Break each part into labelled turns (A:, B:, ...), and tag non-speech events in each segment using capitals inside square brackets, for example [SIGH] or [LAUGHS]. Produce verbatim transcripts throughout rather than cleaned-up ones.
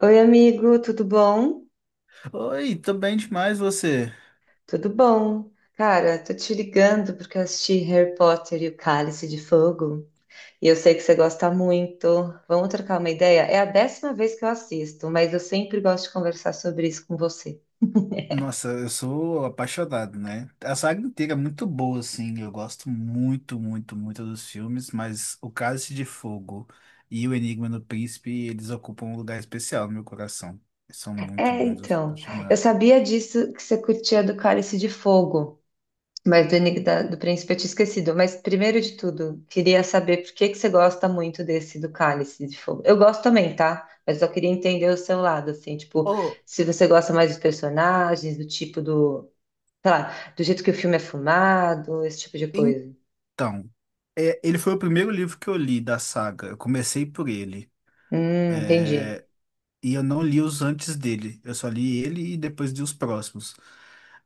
A: Oi, amigo, tudo bom?
B: Oi, tô bem demais você.
A: Tudo bom. Cara, tô te ligando porque eu assisti Harry Potter e o Cálice de Fogo e eu sei que você gosta muito. Vamos trocar uma ideia? É a décima vez que eu assisto, mas eu sempre gosto de conversar sobre isso com você.
B: Nossa, eu sou apaixonado, né? A saga inteira é muito boa, assim. Eu gosto muito, muito, muito dos filmes, mas O Cálice de Fogo e O Enigma do Príncipe, eles ocupam um lugar especial no meu coração. Eles são muito
A: É,
B: bons, eu sou
A: então, eu
B: apaixonado.
A: sabia disso que você curtia do Cálice de Fogo. Mas do Enigma da- do Príncipe eu tinha esquecido. Mas primeiro de tudo, queria saber por que que você gosta muito desse do Cálice de Fogo. Eu gosto também, tá? Mas eu queria entender o seu lado, assim, tipo,
B: Oh,
A: se você gosta mais dos personagens, do tipo do, sei lá, do jeito que o filme é filmado, esse tipo de coisa.
B: então, é, ele foi o primeiro livro que eu li da saga. Eu comecei por ele.
A: Hum, entendi.
B: E eu não li os antes dele. Eu só li ele e depois li os próximos.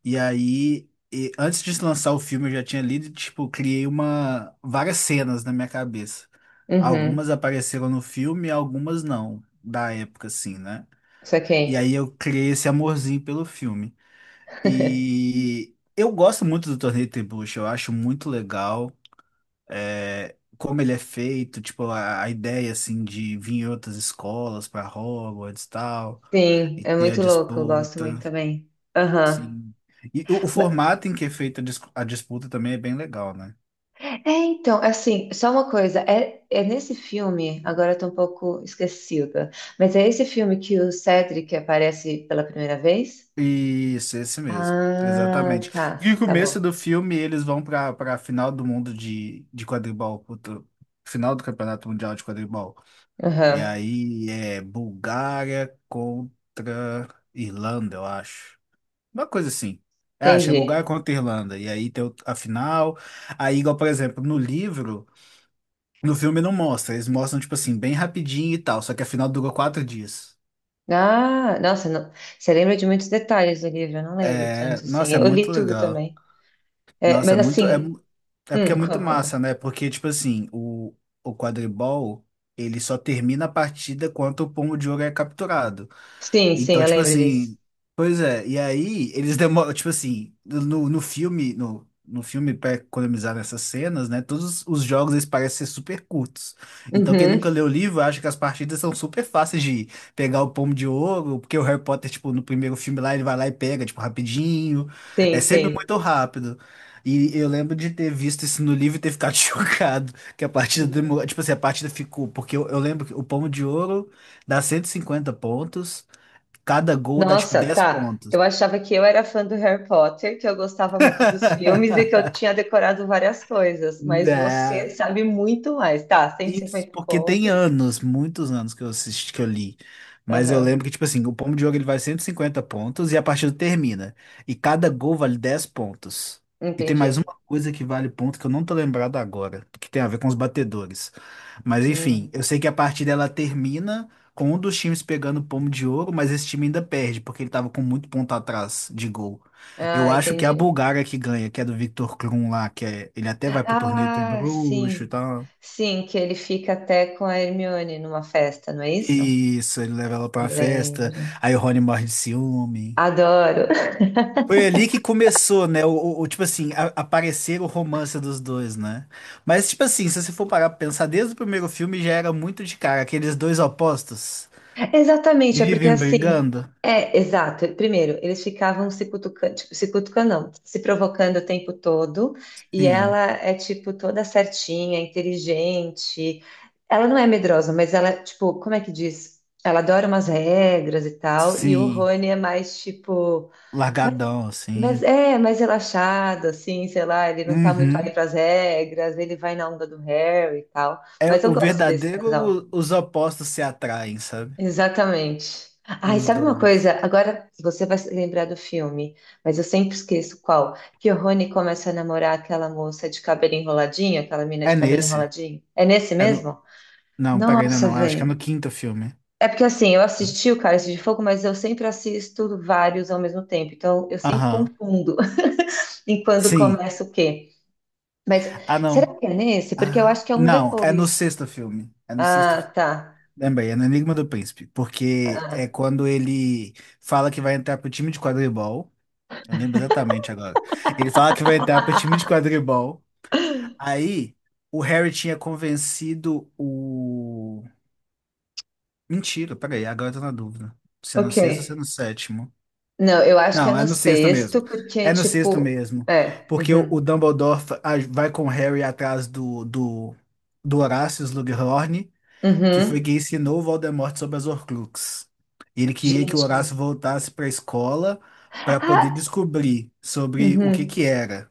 B: E aí, e- antes de lançar o filme, eu já tinha lido, e, tipo, criei uma várias cenas na minha cabeça. Algumas
A: Uhum,
B: apareceram no filme, algumas não, da época, assim, né? E aí
A: saquei.
B: eu criei esse amorzinho pelo filme. E eu gosto muito do Torneio Trebuchet, eu acho muito legal. É, como ele é feito, tipo, a, a ideia, assim, de vir em outras escolas para Hogwarts e tal.
A: Sim,
B: E
A: é
B: ter a
A: muito louco, eu gosto muito
B: disputa,
A: também. Aham.
B: sim. E o, o formato em que é feita a dis- a disputa também é bem legal, né?
A: É, então, assim, só uma coisa, é, é nesse filme, agora eu tô um pouco esquecida, mas é esse filme que o Cedric aparece pela primeira vez?
B: Isso, esse mesmo.
A: Ah,
B: Exatamente.
A: tá,
B: E no
A: tá
B: começo
A: bom.
B: do filme eles vão para para a final do mundo de, de quadribol, puta, final do Campeonato Mundial de Quadribol. E
A: Aham,
B: aí é Bulgária contra Irlanda, eu acho. Uma coisa assim. É, acho que é Bulgária
A: entendi.
B: contra Irlanda. E aí tem o- a final. Aí, igual, por exemplo, no livro. No filme não mostra, eles mostram, tipo assim, bem rapidinho e tal, só que afinal dura quatro dias.
A: Ah, nossa, não- você lembra de muitos detalhes do livro, eu não lembro
B: É,
A: tanto assim,
B: nossa, é
A: eu li
B: muito
A: tudo
B: legal.
A: também. É,
B: Nossa,
A: mas
B: é muito, é,
A: assim,
B: mu- é porque é
A: hum,
B: muito
A: conta.
B: massa, né? Porque, tipo assim, o, o, quadribol, ele só termina a partida quando o pomo de ouro é capturado.
A: Sim, sim,
B: Então,
A: eu
B: tipo
A: lembro disso.
B: assim, pois é, e aí eles demoram, tipo assim, no, no, filme, no, no filme para economizar nessas cenas, né? Todos os jogos eles parecem ser super curtos. Então, quem
A: Uhum,
B: nunca leu o livro acha que as partidas são super fáceis de pegar o pomo de ouro, porque o Harry Potter, tipo, no primeiro filme lá, ele vai lá e pega, tipo, rapidinho. É
A: sim,
B: sempre
A: sim.
B: muito rápido. E eu lembro de ter visto isso no livro e ter ficado [LAUGHS] chocado, que a partida demorou,
A: Uhum.
B: tipo assim, a partida ficou, porque eu, eu lembro que o pomo de ouro dá cento e cinquenta pontos. Cada gol dá tipo
A: Nossa,
B: dez
A: tá.
B: pontos.
A: Eu achava que eu era fã do Harry Potter, que eu gostava muito dos filmes e que eu
B: [LAUGHS]
A: tinha decorado várias coisas, mas você
B: Né?
A: sabe muito mais. Tá, Cento e
B: Isso,
A: cinquenta
B: porque tem
A: pontos.
B: anos, muitos anos que eu assisti, que eu li. Mas eu
A: Aham,
B: lembro que, tipo assim, o pomo de ouro ele vale cento e cinquenta pontos e a partida termina. E cada gol vale dez pontos. E tem mais uma
A: entendi.
B: coisa que vale ponto que eu não tô lembrado agora, que tem a ver com os batedores. Mas enfim,
A: Hum.
B: eu sei que a partida ela termina com um dos times pegando o pomo de ouro, mas esse time ainda perde, porque ele tava com muito ponto atrás de gol. Eu
A: Ah,
B: acho que é a
A: entendi.
B: Bulgária que ganha, que é do Victor Krum lá, que é, ele até vai pro torneio ter
A: Ah,
B: bruxo e
A: sim.
B: tal.
A: Sim, que ele fica até com a Hermione numa festa, não é isso?
B: Isso, ele leva ela pra
A: Eu
B: uma festa,
A: lembro.
B: aí o Rony morre de ciúme.
A: Adoro.
B: Foi ali que começou, né? O, o- o, tipo assim, a- aparecer o romance dos dois, né? Mas, tipo assim, se você for parar pra pensar, desde o primeiro filme já era muito de cara, aqueles dois opostos que
A: Exatamente, é porque
B: vivem
A: assim.
B: brigando.
A: É, exato. Primeiro, eles ficavam se cutucando, tipo, se cutucando, não, se provocando o tempo todo, e
B: Sim,
A: ela é, tipo, toda certinha, inteligente. Ela não é medrosa, mas ela, tipo, como é que diz? Ela adora umas regras e tal, e o
B: sim,
A: Rony é mais, tipo, mais,
B: largadão,
A: mas
B: assim.
A: é mais relaxado, assim, sei lá, ele não tá muito aí
B: Uhum.
A: pras regras, ele vai na onda do Harry e tal.
B: É
A: Mas eu
B: o
A: gosto desse casal.
B: verdadeiro, os opostos se atraem, sabe?
A: Exatamente. Ai,
B: Os
A: sabe uma
B: dois.
A: coisa? Agora você vai se lembrar do filme, mas eu sempre esqueço qual. Que o Rony começa a namorar aquela moça de cabelo enroladinho, aquela mina
B: É
A: de cabelo
B: nesse.
A: enroladinho. É nesse
B: É no...
A: mesmo?
B: Não, pera, ainda
A: Nossa,
B: não, eu acho que é no
A: velho.
B: quinto filme.
A: É porque assim, eu assisti o Cálice de Fogo, mas eu sempre assisto vários ao mesmo tempo, então eu sempre
B: Aham.
A: confundo [LAUGHS] em quando
B: Sim.
A: começa o quê. Mas
B: Ah,
A: será
B: não.
A: que é nesse? Porque eu
B: Ah,
A: acho que é um
B: não, é no
A: depois.
B: sexto filme. É no sexto
A: Ah,
B: filme.
A: tá.
B: Lembrei, é no Enigma do Príncipe. Porque é
A: Ah.
B: quando ele fala que vai entrar pro time de quadribol. Eu lembro exatamente agora. Ele fala que vai entrar pro time de
A: [LAUGHS]
B: quadribol. Aí, o Harry tinha convencido o. Mentira, peraí, agora eu tô na dúvida. Se é no
A: Ok.
B: sexto ou se é no sétimo.
A: Não, eu acho que é
B: Não, é
A: no
B: no sexto mesmo.
A: sexto, porque,
B: É no sexto
A: tipo,
B: mesmo.
A: é.
B: Porque o, o
A: Uhum,
B: Dumbledore fa- a- vai com o Harry atrás do, do, do, Horácio Slughorn, que foi
A: uhum.
B: quem ensinou o Voldemort sobre as Horcruxes. Ele queria que o
A: Gente.
B: Horácio voltasse para a escola para
A: Ah,
B: poder descobrir sobre o que que
A: uhum,
B: era.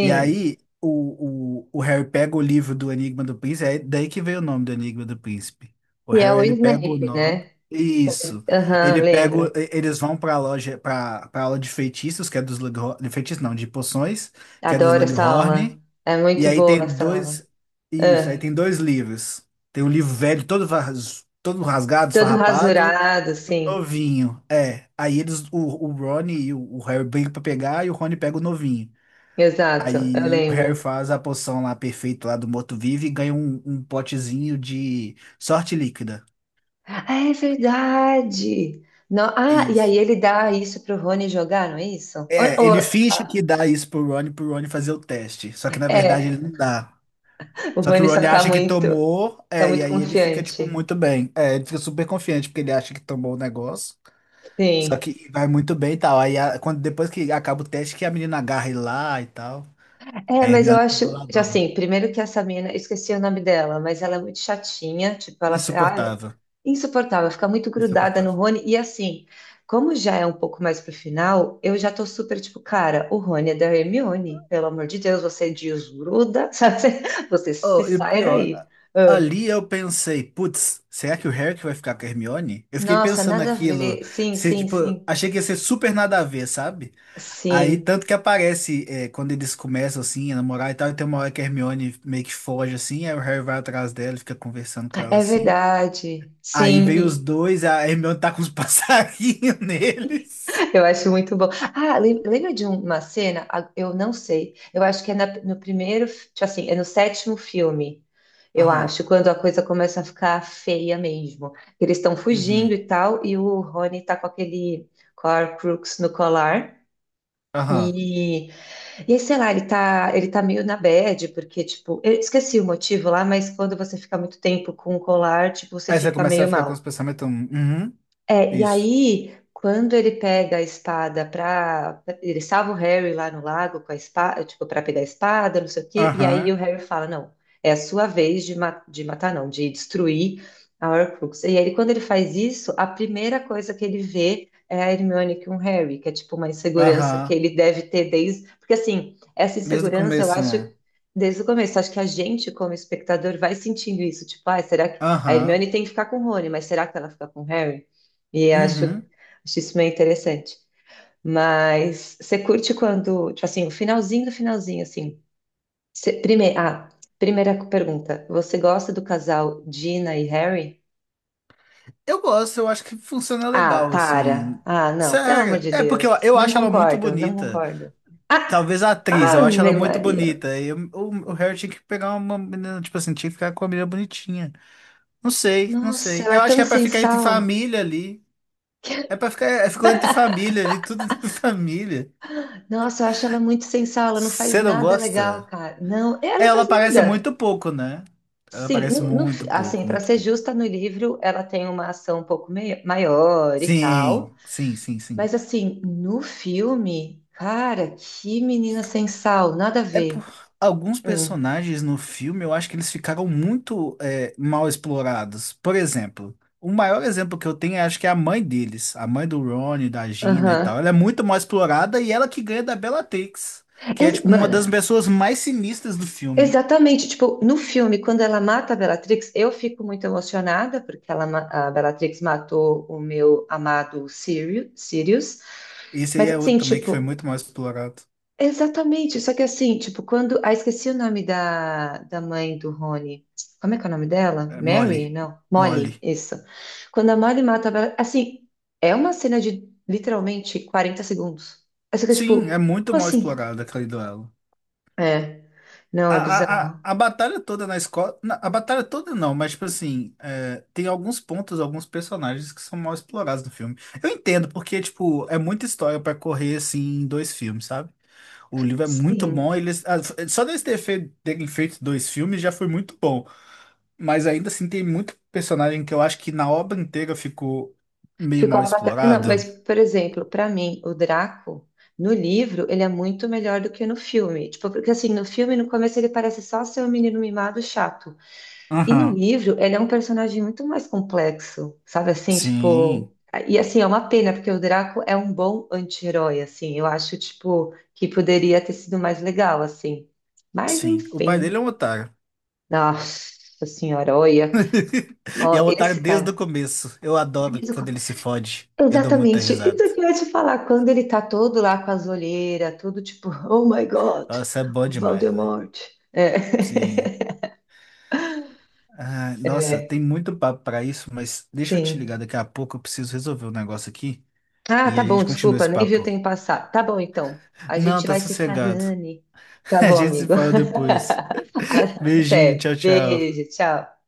B: E aí o, o, o Harry pega o livro do Enigma do Príncipe, é daí que veio o nome do Enigma do Príncipe. O
A: E é
B: Harry
A: o
B: ele pega o
A: Snape,
B: nome.
A: né?
B: Isso.
A: Aham,
B: Ele pega, o-
A: lembro.
B: e- eles vão para a loja, para a aula de feitiços, que é dos Slughorn, de feitiços não, de poções, que é dos
A: Adoro essa
B: Slughorn.
A: aula. É
B: E
A: muito
B: aí
A: boa
B: tem
A: essa aula.
B: dois, isso, aí
A: Ah,
B: tem dois livros. Tem um livro velho, todo, ras- todo rasgado,
A: todo
B: esfarrapado,
A: rasurado, sim.
B: novinho. É. Aí eles, o, o Rony e o, o Harry brigam pra pegar e o Rony pega o novinho.
A: Exato, eu
B: Aí o Harry
A: lembro.
B: faz a poção lá perfeita lá do morto-vivo e ganha um, um potezinho de sorte líquida.
A: Ah, é verdade. No- ah, e
B: Isso.
A: aí ele dá isso pro Rony jogar, não é isso?
B: É,
A: Ou-
B: ele
A: ou-
B: finge que
A: ah,
B: dá isso pro Rony, pro Rony fazer o teste. Só que na verdade ele
A: é,
B: não dá.
A: o
B: Só que o
A: Rony
B: Rony
A: só tá
B: acha que
A: muito,
B: tomou,
A: tá
B: é, e
A: muito
B: aí ele fica, tipo,
A: confiante.
B: muito bem. É, ele fica super confiante porque ele acha que tomou o negócio. Só
A: Sim.
B: que vai muito bem e tal. Aí a- quando, depois que acaba o teste, que a menina agarra ele lá e tal.
A: É,
B: Aí a
A: mas eu
B: Hermione fica
A: acho, já
B: boladona.
A: assim, primeiro que essa mina, eu esqueci o nome dela, mas ela é muito chatinha, tipo, ela ah, é
B: Insuportável.
A: insuportável, fica muito grudada no
B: Insuportável.
A: Rony, e assim, como já é um pouco mais pro final, eu já tô super, tipo, cara, o Rony é da Hermione, pelo amor de Deus, você desgruda, [LAUGHS] sabe? Você se
B: Oh, e o
A: saia
B: pior,
A: daí. Ah,
B: ali eu pensei, putz, será que o Harry que vai ficar com a Hermione? Eu fiquei
A: nossa,
B: pensando
A: nada a
B: naquilo,
A: ver, sim,
B: se,
A: sim,
B: tipo,
A: sim,
B: achei que ia ser super nada a ver, sabe? Aí,
A: sim,
B: tanto que aparece, é, quando eles começam, assim, a namorar e tal, e tem uma hora que a Hermione meio que foge, assim, aí o Harry vai atrás dela e fica conversando com ela,
A: é
B: assim.
A: verdade,
B: Aí vem os
A: sim,
B: dois, a Hermione tá com os [LAUGHS] passarinhos neles.
A: eu acho muito bom. Ah, lem- lembra de uma cena? Ah, eu não sei. Eu acho que é na- no primeiro, fi- tipo assim, é no sétimo filme, eu
B: Aham,
A: acho, quando a coisa começa a ficar feia mesmo. Eles estão fugindo
B: uhum,
A: e tal, e o Rony tá com aquele Horcrux no colar.
B: aham.
A: E, e aí, sei lá, ele tá, ele tá meio na bad, porque, tipo, eu esqueci o motivo lá, mas quando você fica muito tempo com o colar, tipo, você
B: Aí você
A: fica
B: começa a
A: meio
B: ficar com os
A: mal.
B: pensamentos, "Hum, uhum,
A: É, e
B: isso.
A: aí, quando ele pega a espada para. Ele salva o Harry lá no lago com a espada, tipo, para pegar a espada, não sei o quê. E aí o
B: Aham,
A: Harry fala: não, é a sua vez de, ma- de matar, não, de destruir a Horcrux. E aí, quando ele faz isso, a primeira coisa que ele vê é a Hermione com o Harry, que é tipo uma insegurança que
B: aham.
A: ele deve ter desde. Porque assim, essa
B: Desde o
A: insegurança eu
B: começo,
A: acho.
B: né?
A: Desde o começo, acho que a gente, como espectador, vai sentindo isso. Tipo, ah, será que a
B: Aham.
A: Hermione tem que ficar com o Rony, mas será que ela fica com o Harry? E acho,
B: Uhum.
A: acho isso meio interessante. Mas você curte quando, tipo assim, o finalzinho do finalzinho, assim. Primeiro, ah, primeira pergunta. Você gosta do casal Gina e Harry?
B: Eu gosto, eu acho que funciona
A: Ah,
B: legal,
A: para.
B: assim.
A: Ah, não, pelo amor
B: Sério.
A: de
B: É porque eu,
A: Deus.
B: eu
A: Não
B: acho ela muito
A: concordo, não
B: bonita.
A: concordo. Ah,
B: Talvez a atriz, eu acho ela
A: Ave
B: muito
A: Maria.
B: bonita. E eu- o, o Harry tinha que pegar uma menina, tipo assim, tinha que ficar com uma menina bonitinha. Não sei, não
A: Nossa,
B: sei.
A: ela
B: Eu
A: é
B: acho
A: tão
B: que é pra
A: sem
B: ficar entre
A: sal.
B: família ali. É
A: [LAUGHS]
B: pra ficar, é, ficou entre família ali, tudo entre [LAUGHS] família.
A: Nossa, eu acho ela muito sem sal. Ela não faz
B: Você não
A: nada legal,
B: gosta?
A: cara. Não, ela
B: É,
A: não
B: ela
A: faz
B: aparece
A: nada.
B: muito pouco, né? Ela
A: Sim,
B: aparece
A: no- no fi-
B: muito
A: assim,
B: pouco,
A: para
B: muito
A: ser
B: pouco.
A: justa, no livro ela tem uma ação um pouco mei- maior e tal,
B: Sim, sim, sim, sim.
A: mas assim, no filme, cara, que menina sem sal, nada a
B: É por
A: ver.
B: alguns
A: Hum,
B: personagens no filme, eu acho que eles ficaram muito é, mal explorados. Por exemplo, o maior exemplo que eu tenho, eu acho que é a mãe deles, a mãe do Ron, da Gina e
A: aham.
B: tal. Ela é muito mal explorada e ela que ganha da Bellatrix, que é
A: Ex-
B: tipo uma das
A: mano,
B: pessoas mais sinistras do filme.
A: exatamente, tipo, no filme, quando ela mata a Bellatrix, eu fico muito emocionada, porque ela, ma- a Bellatrix matou o meu amado Sirius, Sirius,
B: Esse aí
A: mas
B: é outro
A: assim,
B: também que foi
A: tipo,
B: muito mal explorado.
A: exatamente, só que assim, tipo, quando. Ah, esqueci o nome da, da mãe do Rony. Como é que é o nome dela?
B: É Molly.
A: Mary? Não,
B: Molly.
A: Molly, isso. Quando a Molly mata. a Bella- Assim, é uma cena de literalmente quarenta segundos. Aí você fica tipo,
B: Sim, é
A: como
B: muito mal
A: assim?
B: explorado aquele duelo.
A: É, não,
B: A,
A: é
B: a, a,
A: bizarro.
B: a batalha toda na escola. na- A batalha toda não, mas, tipo assim, é, tem alguns pontos, alguns personagens que são mal explorados no filme. Eu entendo, porque, tipo, é muita história pra correr, assim, em dois filmes, sabe? O livro é muito bom,
A: Sim,
B: eles, ah, f- só deles ter fe- terem feito dois filmes já foi muito bom. Mas ainda assim, tem muito personagem que eu acho que na obra inteira ficou meio
A: ficou
B: mal
A: apagado. Não, mas,
B: explorado.
A: por exemplo, pra mim, o Draco, no livro, ele é muito melhor do que no filme. Tipo, porque assim, no filme, no começo, ele parece só ser um menino mimado chato. E no
B: Aham.
A: livro, ele é um personagem muito mais complexo, sabe assim, tipo,
B: Sim,
A: e assim, é uma pena, porque o Draco é um bom anti-herói, assim, eu acho, tipo, que poderia ter sido mais legal, assim. Mas,
B: sim. O pai dele
A: enfim,
B: é um otário.
A: nossa senhora, olha,
B: [LAUGHS] E é
A: ó,
B: o otário
A: esse
B: desde o
A: cara,
B: começo. Eu adoro quando ele se fode. Eu dou muita
A: exatamente, isso
B: risada.
A: que eu ia te falar, quando ele tá todo lá com as olheiras, todo tipo, oh my God,
B: Nossa, é bom demais, velho.
A: Voldemort, é,
B: Sim. Ah, nossa,
A: é,
B: tem muito papo pra isso, mas deixa eu te
A: sim.
B: ligar daqui a pouco. Eu preciso resolver um negócio aqui
A: Ah,
B: e
A: tá
B: a
A: bom,
B: gente continua
A: desculpa,
B: esse
A: nem vi o
B: papo.
A: tempo passar. Tá bom, então. A
B: Não,
A: gente
B: tá
A: vai se
B: sossegado.
A: falando.
B: [LAUGHS]
A: Tá
B: A
A: bom,
B: gente se
A: amigo.
B: fala depois.
A: [LAUGHS]
B: Beijinho,
A: Até.
B: tchau, tchau.
A: Beijo, tchau.